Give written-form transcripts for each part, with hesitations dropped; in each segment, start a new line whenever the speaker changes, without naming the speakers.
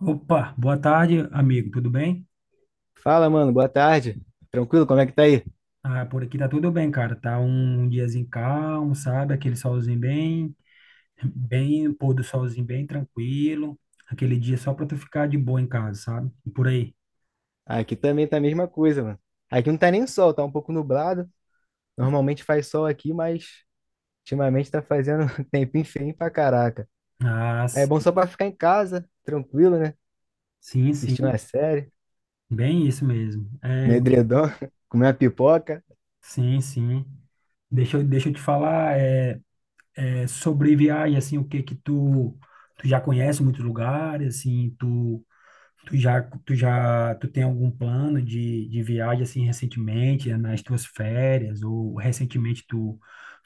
Opa, boa tarde, amigo, tudo bem?
Fala, mano, boa tarde. Tranquilo, como é que tá aí?
Ah, por aqui tá tudo bem, cara. Tá um diazinho calmo, sabe? Aquele solzinho bem, pôr do solzinho bem tranquilo. Aquele dia só pra tu ficar de boa em casa, sabe? E por aí.
Aqui também tá a mesma coisa, mano. Aqui não tá nem sol, tá um pouco nublado. Normalmente faz sol aqui, mas ultimamente tá fazendo tempo tempinho feio pra caraca.
Ah,
É
s-
bom só pra ficar em casa, tranquilo, né?
sim, sim,
Assistir uma série,
bem isso mesmo.
no edredom, comer uma pipoca.
Sim, sim. Deixa eu te falar, sobre viagem, assim, o que que tu já conhece muitos lugares, assim, tu tem algum plano de viagem assim recentemente, nas tuas férias, ou recentemente tu,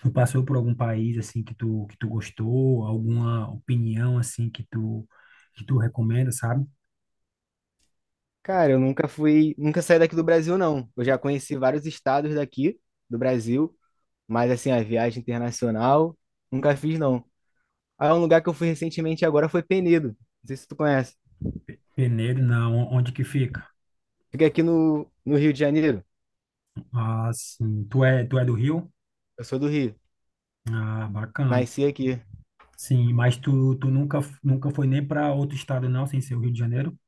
tu passou por algum país assim que tu gostou, alguma opinião assim que tu recomenda, sabe?
Cara, eu nunca fui, nunca saí daqui do Brasil, não. Eu já conheci vários estados daqui do Brasil, mas assim, a viagem internacional, nunca fiz, não. Ah, um lugar que eu fui recentemente agora foi Penedo. Não sei se tu conhece.
Peneiro, não, onde que fica?
Fiquei aqui no Rio de Janeiro.
Ah, sim, tu é do Rio?
Eu sou do Rio.
Ah, bacana.
Nasci aqui.
Sim, mas tu nunca, nunca foi nem para outro estado não, sem ser o Rio de Janeiro?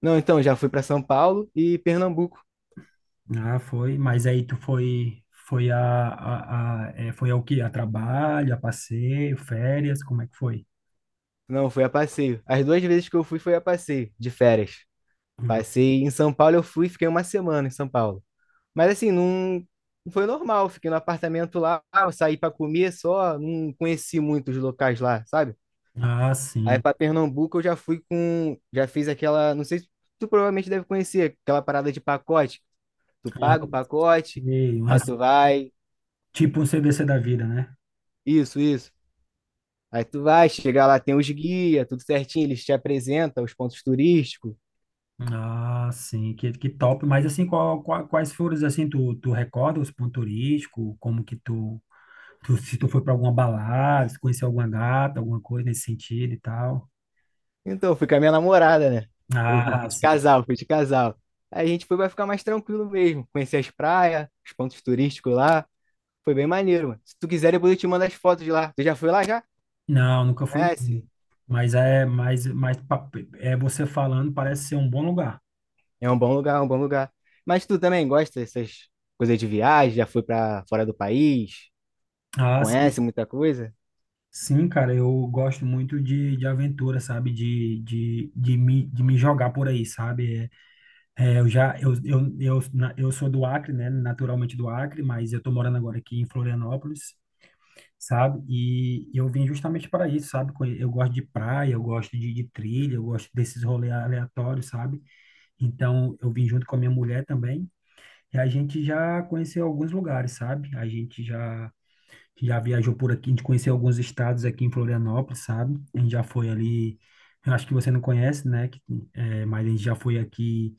Não, então, já fui para São Paulo e Pernambuco.
Ah, foi, mas aí tu foi a, foi ao quê? A trabalho, a passeio, férias, como é que foi?
Não, fui a passeio. As duas vezes que eu fui foi a passeio, de férias.
Ah,
Passei em São Paulo, eu fui, e fiquei uma semana em São Paulo. Mas assim, não, não foi normal. Fiquei no apartamento lá, eu saí para comer só, não conheci muitos locais lá, sabe?
ah,
Aí
sim.
para Pernambuco eu já já fiz aquela, não sei se tu provavelmente deve conhecer, aquela parada de pacote. Tu
Ah,
paga o pacote,
sei,
aí tu vai,
tipo um CDC da vida, né?
isso, isso. Aí tu vai, chegar lá, tem os guias, tudo certinho, eles te apresentam os pontos turísticos.
Ah, sim, que top. Mas assim, quais foram, assim, tu recorda os pontos turísticos? Como que se tu foi para alguma balada, se conheceu alguma gata, alguma coisa nesse sentido e tal?
Então, eu fui com a minha namorada, né? Fui
Ah,
fui de
sim.
casal, fui de casal. Aí a gente foi vai ficar mais tranquilo mesmo, conhecer as praias, os pontos turísticos lá. Foi bem maneiro, mano. Se tu quiser, depois eu te mando as fotos de lá. Tu já foi lá já?
Não, nunca fui. Não.
Conhece?
Mas é, mas, mas pa- É você falando, parece ser um bom lugar.
É um bom lugar, é um bom lugar. Mas tu também gosta dessas coisas de viagem? Já foi pra fora do país?
Ah, sim,
Conhece muita coisa?
sim, cara, eu gosto muito de aventura, sabe? De me jogar por aí, sabe? Eu já, eu, na- eu sou do Acre, né? Naturalmente do Acre, mas eu tô morando agora aqui em Florianópolis, sabe? E eu vim justamente para isso, sabe? Eu gosto de praia, eu gosto de trilha, eu gosto desses rolês aleatórios, sabe? Então, eu vim junto com a minha mulher também. E a gente já conheceu alguns lugares, sabe? A gente já viajou por aqui, a gente conheceu alguns estados aqui em Florianópolis, sabe? A gente já foi ali, eu acho que você não conhece, né? Mas a gente já foi aqui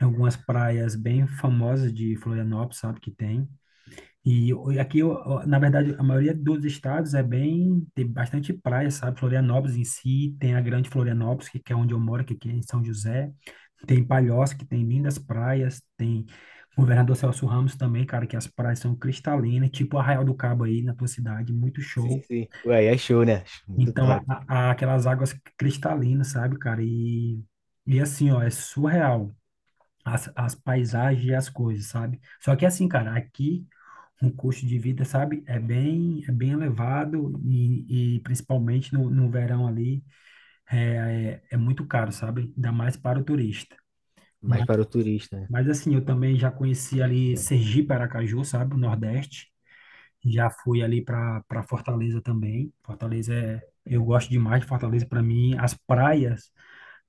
em algumas praias bem famosas de Florianópolis, sabe? Que tem. E aqui, na verdade, a maioria dos estados tem bastante praia, sabe? Florianópolis em si, tem a Grande Florianópolis, que é onde eu moro, que aqui é em São José. Tem Palhoça, que tem lindas praias, tem Governador Celso Ramos também, cara, que as praias são cristalinas, tipo Arraial do Cabo aí na tua cidade, muito
Sim,
show.
sim. Ué, aí é show, né? Muito
Então,
top.
aquelas águas cristalinas, sabe, cara? E assim, ó, é surreal as paisagens e as coisas, sabe? Só que assim, cara, aqui o custo de vida, sabe, é bem elevado e principalmente no verão ali é muito caro, sabe? Ainda mais para o turista.
Mais para o turista, né?
Mas assim, eu também já conheci ali Sergipe, Aracaju, sabe? O Nordeste. Já fui ali para Fortaleza também. Eu gosto demais de Fortaleza. Para mim, as praias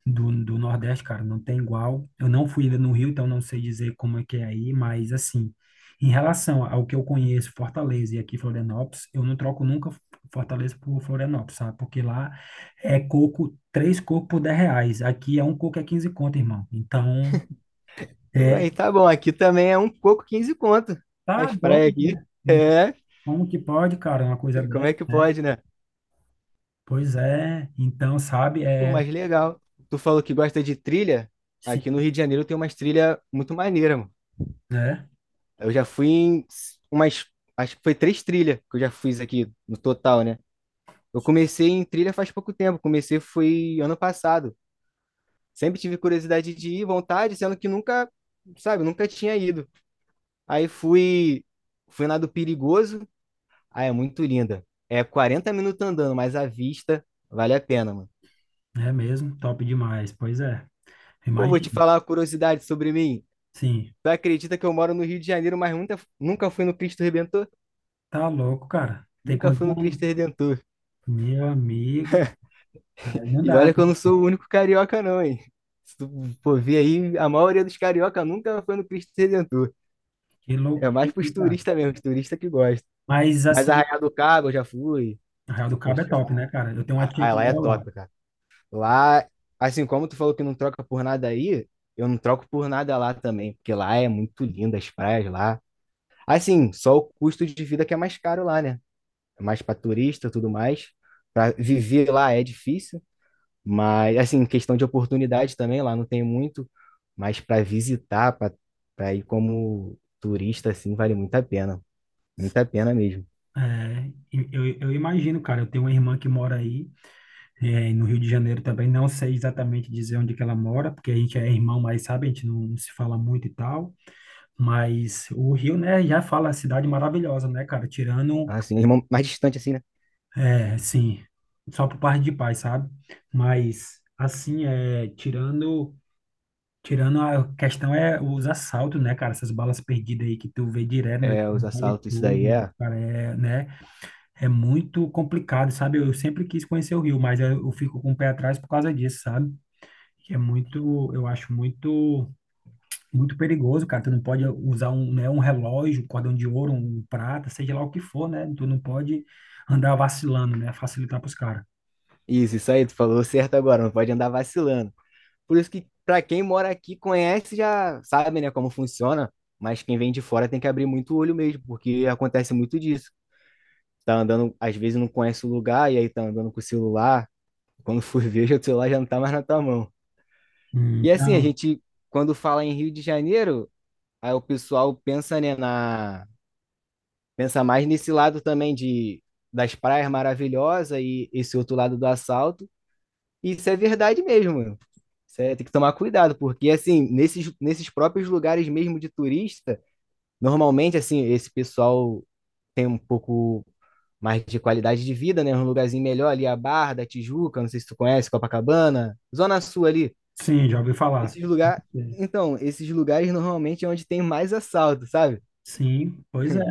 do, do Nordeste, cara, não tem igual. Eu não fui ainda no Rio, então não sei dizer como é que é aí, mas assim, em relação ao que eu conheço, Fortaleza e aqui Florianópolis, eu não troco nunca Fortaleza por Florianópolis, sabe? Porque lá é coco, três cocos por R$ 10. Aqui um coco é 15 conto, irmão. Então, é
Aí tá bom, aqui também é um coco 15 conto.
tá
As praias
doido,
aqui.
né?
É,
Como que pode, cara, uma coisa
como é
dessa,
que
né?
pode, né?
Pois é, então, sabe,
Pô, mas legal. Tu falou que gosta de trilha. Aqui no
sim,
Rio de Janeiro tem umas trilhas muito maneiras, mano.
né?
Eu já fui em umas. Acho que foi três trilhas que eu já fiz aqui no total, né? Eu comecei em trilha faz pouco tempo. Comecei foi ano passado. Sempre tive curiosidade de ir, vontade, sendo que nunca, sabe, nunca tinha ido. Aí fui na do Perigoso. Ah, é muito linda. É 40 minutos andando, mas a vista vale a pena, mano.
É mesmo, top demais, pois é.
Pô, vou te
Imagina,
falar uma curiosidade sobre mim.
sim,
Tu acredita que eu moro no Rio de Janeiro, mas nunca, nunca fui no Cristo Redentor?
tá louco, cara. Tem
Nunca
quantos
fui no
anos?
Cristo Redentor.
Meu amigo, aí não
E
dá, né?
olha que eu não sou o único carioca, não, hein? Se tu for ver aí, a maioria dos carioca nunca foi no Cristo Redentor.
Que
É
loucura,
mais pros
cara.
turistas mesmo, os turistas que gostam.
Mas,
Mas
assim,
Arraial do Cabo eu já fui,
Arraial do
já
Cabo é
curti.
top, né, cara? Eu tenho uma tia
Ah,
que
lá é
mora lá.
top, cara. Lá, assim como tu falou que não troca por nada aí, eu não troco por nada lá também, porque lá é muito lindo as praias lá. Assim, só o custo de vida que é mais caro lá, né? É mais para turista, tudo mais. Para viver lá é difícil, mas assim, questão de oportunidade também lá não tem muito, mas para visitar, para ir como turista assim, vale muito a pena, muita pena mesmo.
É, e eu imagino, cara, eu tenho uma irmã que mora aí. É, e no Rio de Janeiro também, não sei exatamente dizer onde que ela mora, porque a gente é irmão, mas sabe, a gente não se fala muito e tal. Mas o Rio, né, já fala cidade maravilhosa, né, cara? Tirando,
Assim, mais distante assim, né?
assim, só por parte de pai, sabe? Mas, assim, tirando, tirando a questão é os assaltos, né, cara? Essas balas perdidas aí que tu vê direto no
É, os
jornal e
assaltos, isso daí
tudo,
é.
cara, é, né? É muito complicado, sabe? Eu sempre quis conhecer o Rio, mas eu fico com o pé atrás por causa disso, sabe? Que é muito, eu acho muito, muito perigoso, cara. Tu não pode usar um, né, um relógio, um cordão de ouro, um prata, seja lá o que for, né? Tu não pode andar vacilando, né? Facilitar pros caras.
Isso aí, tu falou certo agora, não pode andar vacilando. Por isso que, para quem mora aqui, conhece, já sabe, né, como funciona. Mas quem vem de fora tem que abrir muito o olho mesmo, porque acontece muito disso. Tá andando, às vezes não conhece o lugar, e aí tá andando com o celular. Quando for ver, já o celular já não tá mais na tua mão. E assim, a
Então,
gente, quando fala em Rio de Janeiro, aí o pessoal pensa, né, pensa mais nesse lado também de das praias maravilhosas e esse outro lado do assalto. E isso é verdade mesmo. Cê tem que tomar cuidado, porque assim, nesses próprios lugares mesmo de turista, normalmente assim, esse pessoal tem um pouco mais de qualidade de vida, né? Um lugarzinho melhor ali, a Barra da Tijuca, não sei se tu conhece, Copacabana, Zona Sul ali.
sim, já ouvi falar.
Esses lugares, então, esses lugares normalmente é onde tem mais assalto, sabe?
Sim, pois é.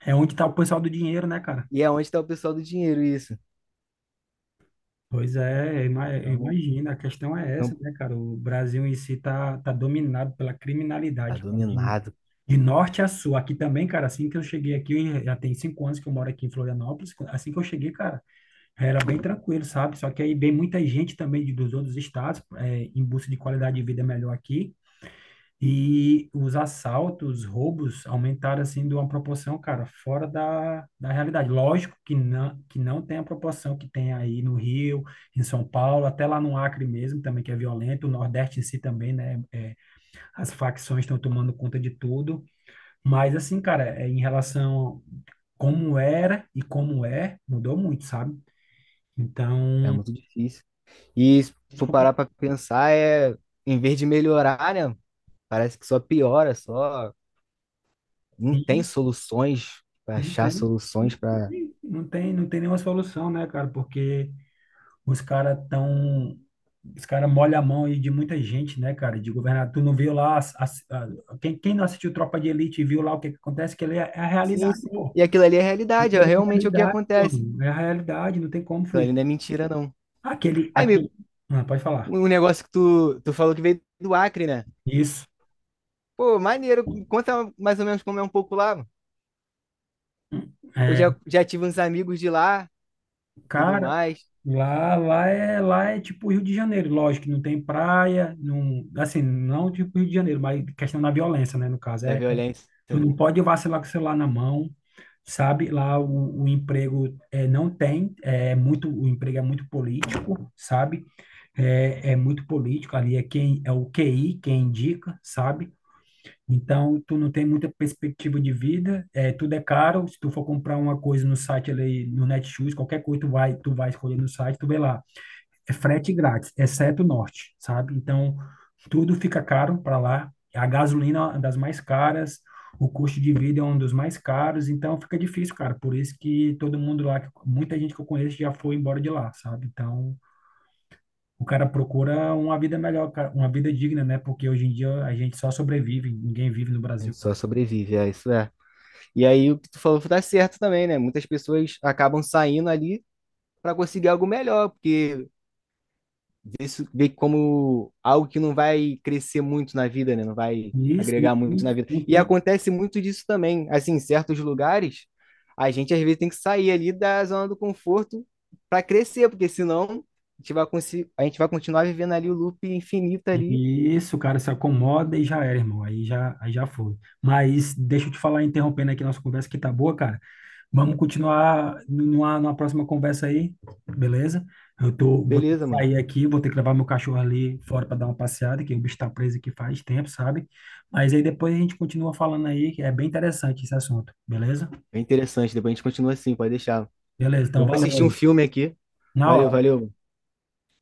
É onde tá o pessoal do dinheiro, né, cara?
E é onde está o pessoal do dinheiro, isso.
Pois é,
Então,
imagina, a questão é essa,
então
né, cara? O Brasil em si tá dominado pela
tá
criminalidade, cara.
dominado,
De norte a sul, aqui também, cara, assim que eu cheguei aqui, eu já tem 5 anos que eu moro aqui em Florianópolis, assim que eu cheguei, cara, era bem tranquilo, sabe? Só que aí vem muita gente também dos outros estados, em busca de qualidade de vida melhor aqui, e os assaltos, os roubos aumentaram, assim, de uma proporção, cara, fora da, da realidade. Lógico que não tem a proporção que tem aí no Rio, em São Paulo, até lá no Acre mesmo, também, que é violento, o Nordeste em si também, né? É, as facções estão tomando conta de tudo, mas assim, cara, é em relação a como era e como é, mudou muito, sabe?
é
Então,
muito difícil. E se for parar para pensar, é, em vez de melhorar, né? Parece que só piora, só não tem
sim,
soluções para
não
achar
tem, não
soluções para.
tem, não tem, não tem nenhuma solução, né, cara? Porque os caras tão, os caras molham a mão aí de muita gente, né, cara? De governador. Tu não viu lá, quem não assistiu Tropa de Elite e viu lá o que que acontece, que ele é a
Sim,
realidade,
sim.
pô.
E aquilo ali é realidade, é
Aquele é a
realmente o que
realidade,
acontece.
mano. É a realidade, não tem como
Aquilo
fugir.
ali não é mentira, não.
Aquele,
Aí, me-
aquele, ah, pode falar.
Um negócio que tu falou que veio do Acre, né?
Isso.
Pô, maneiro, conta mais ou menos como é um pouco lá. Eu
É,
já tive uns amigos de lá, tudo
cara,
mais,
lá é tipo Rio de Janeiro, lógico, que não tem praia, não, assim, não tipo Rio de Janeiro, mas questão da violência, né, no caso,
da violência,
tu
né?
não pode vacilar com o celular na mão, sabe? Lá o emprego é, não tem, é muito, o emprego é muito político, sabe? É muito político, ali é o QI, quem indica, sabe? Então, tu não tem muita perspectiva de vida, tudo é caro, se tu for comprar uma coisa no site ali, no Netshoes, qualquer coisa tu vai escolher no site, tu vê lá, é frete grátis, exceto o norte, sabe? Então, tudo fica caro para lá. A gasolina é uma das mais caras, o custo de vida é um dos mais caros, então fica difícil, cara. Por isso que todo mundo lá, muita gente que eu conheço já foi embora de lá, sabe? Então, o cara procura uma vida melhor, cara, uma vida digna, né? Porque hoje em dia a gente só sobrevive, ninguém vive no
A
Brasil,
gente
cara.
só sobrevive, é isso é. E aí o que tu falou tá certo também, né? Muitas pessoas acabam saindo ali para conseguir algo melhor, porque vê como algo que não vai crescer muito na vida, né? Não vai
Isso,
agregar muito
e
na vida.
não
E
tem.
acontece muito disso também. Assim, em certos lugares, a gente às vezes tem que sair ali da zona do conforto para crescer, porque senão a gente vai continuar vivendo ali o loop infinito ali.
Isso, o cara se acomoda e já era, irmão. Aí já foi. Mas deixa eu te falar, interrompendo aqui nossa conversa, que tá boa, cara. Vamos continuar numa, numa próxima conversa aí, beleza? Vou ter que
Beleza, mano.
sair aqui, vou ter que levar meu cachorro ali fora para dar uma passeada, que o bicho tá preso aqui faz tempo, sabe? Mas aí depois a gente continua falando aí, que é bem interessante esse assunto, beleza?
É interessante. Depois a gente continua assim, pode deixar.
Beleza,
Eu
então
vou
valeu
assistir um
aí.
filme aqui.
Na
Valeu,
hora.
valeu.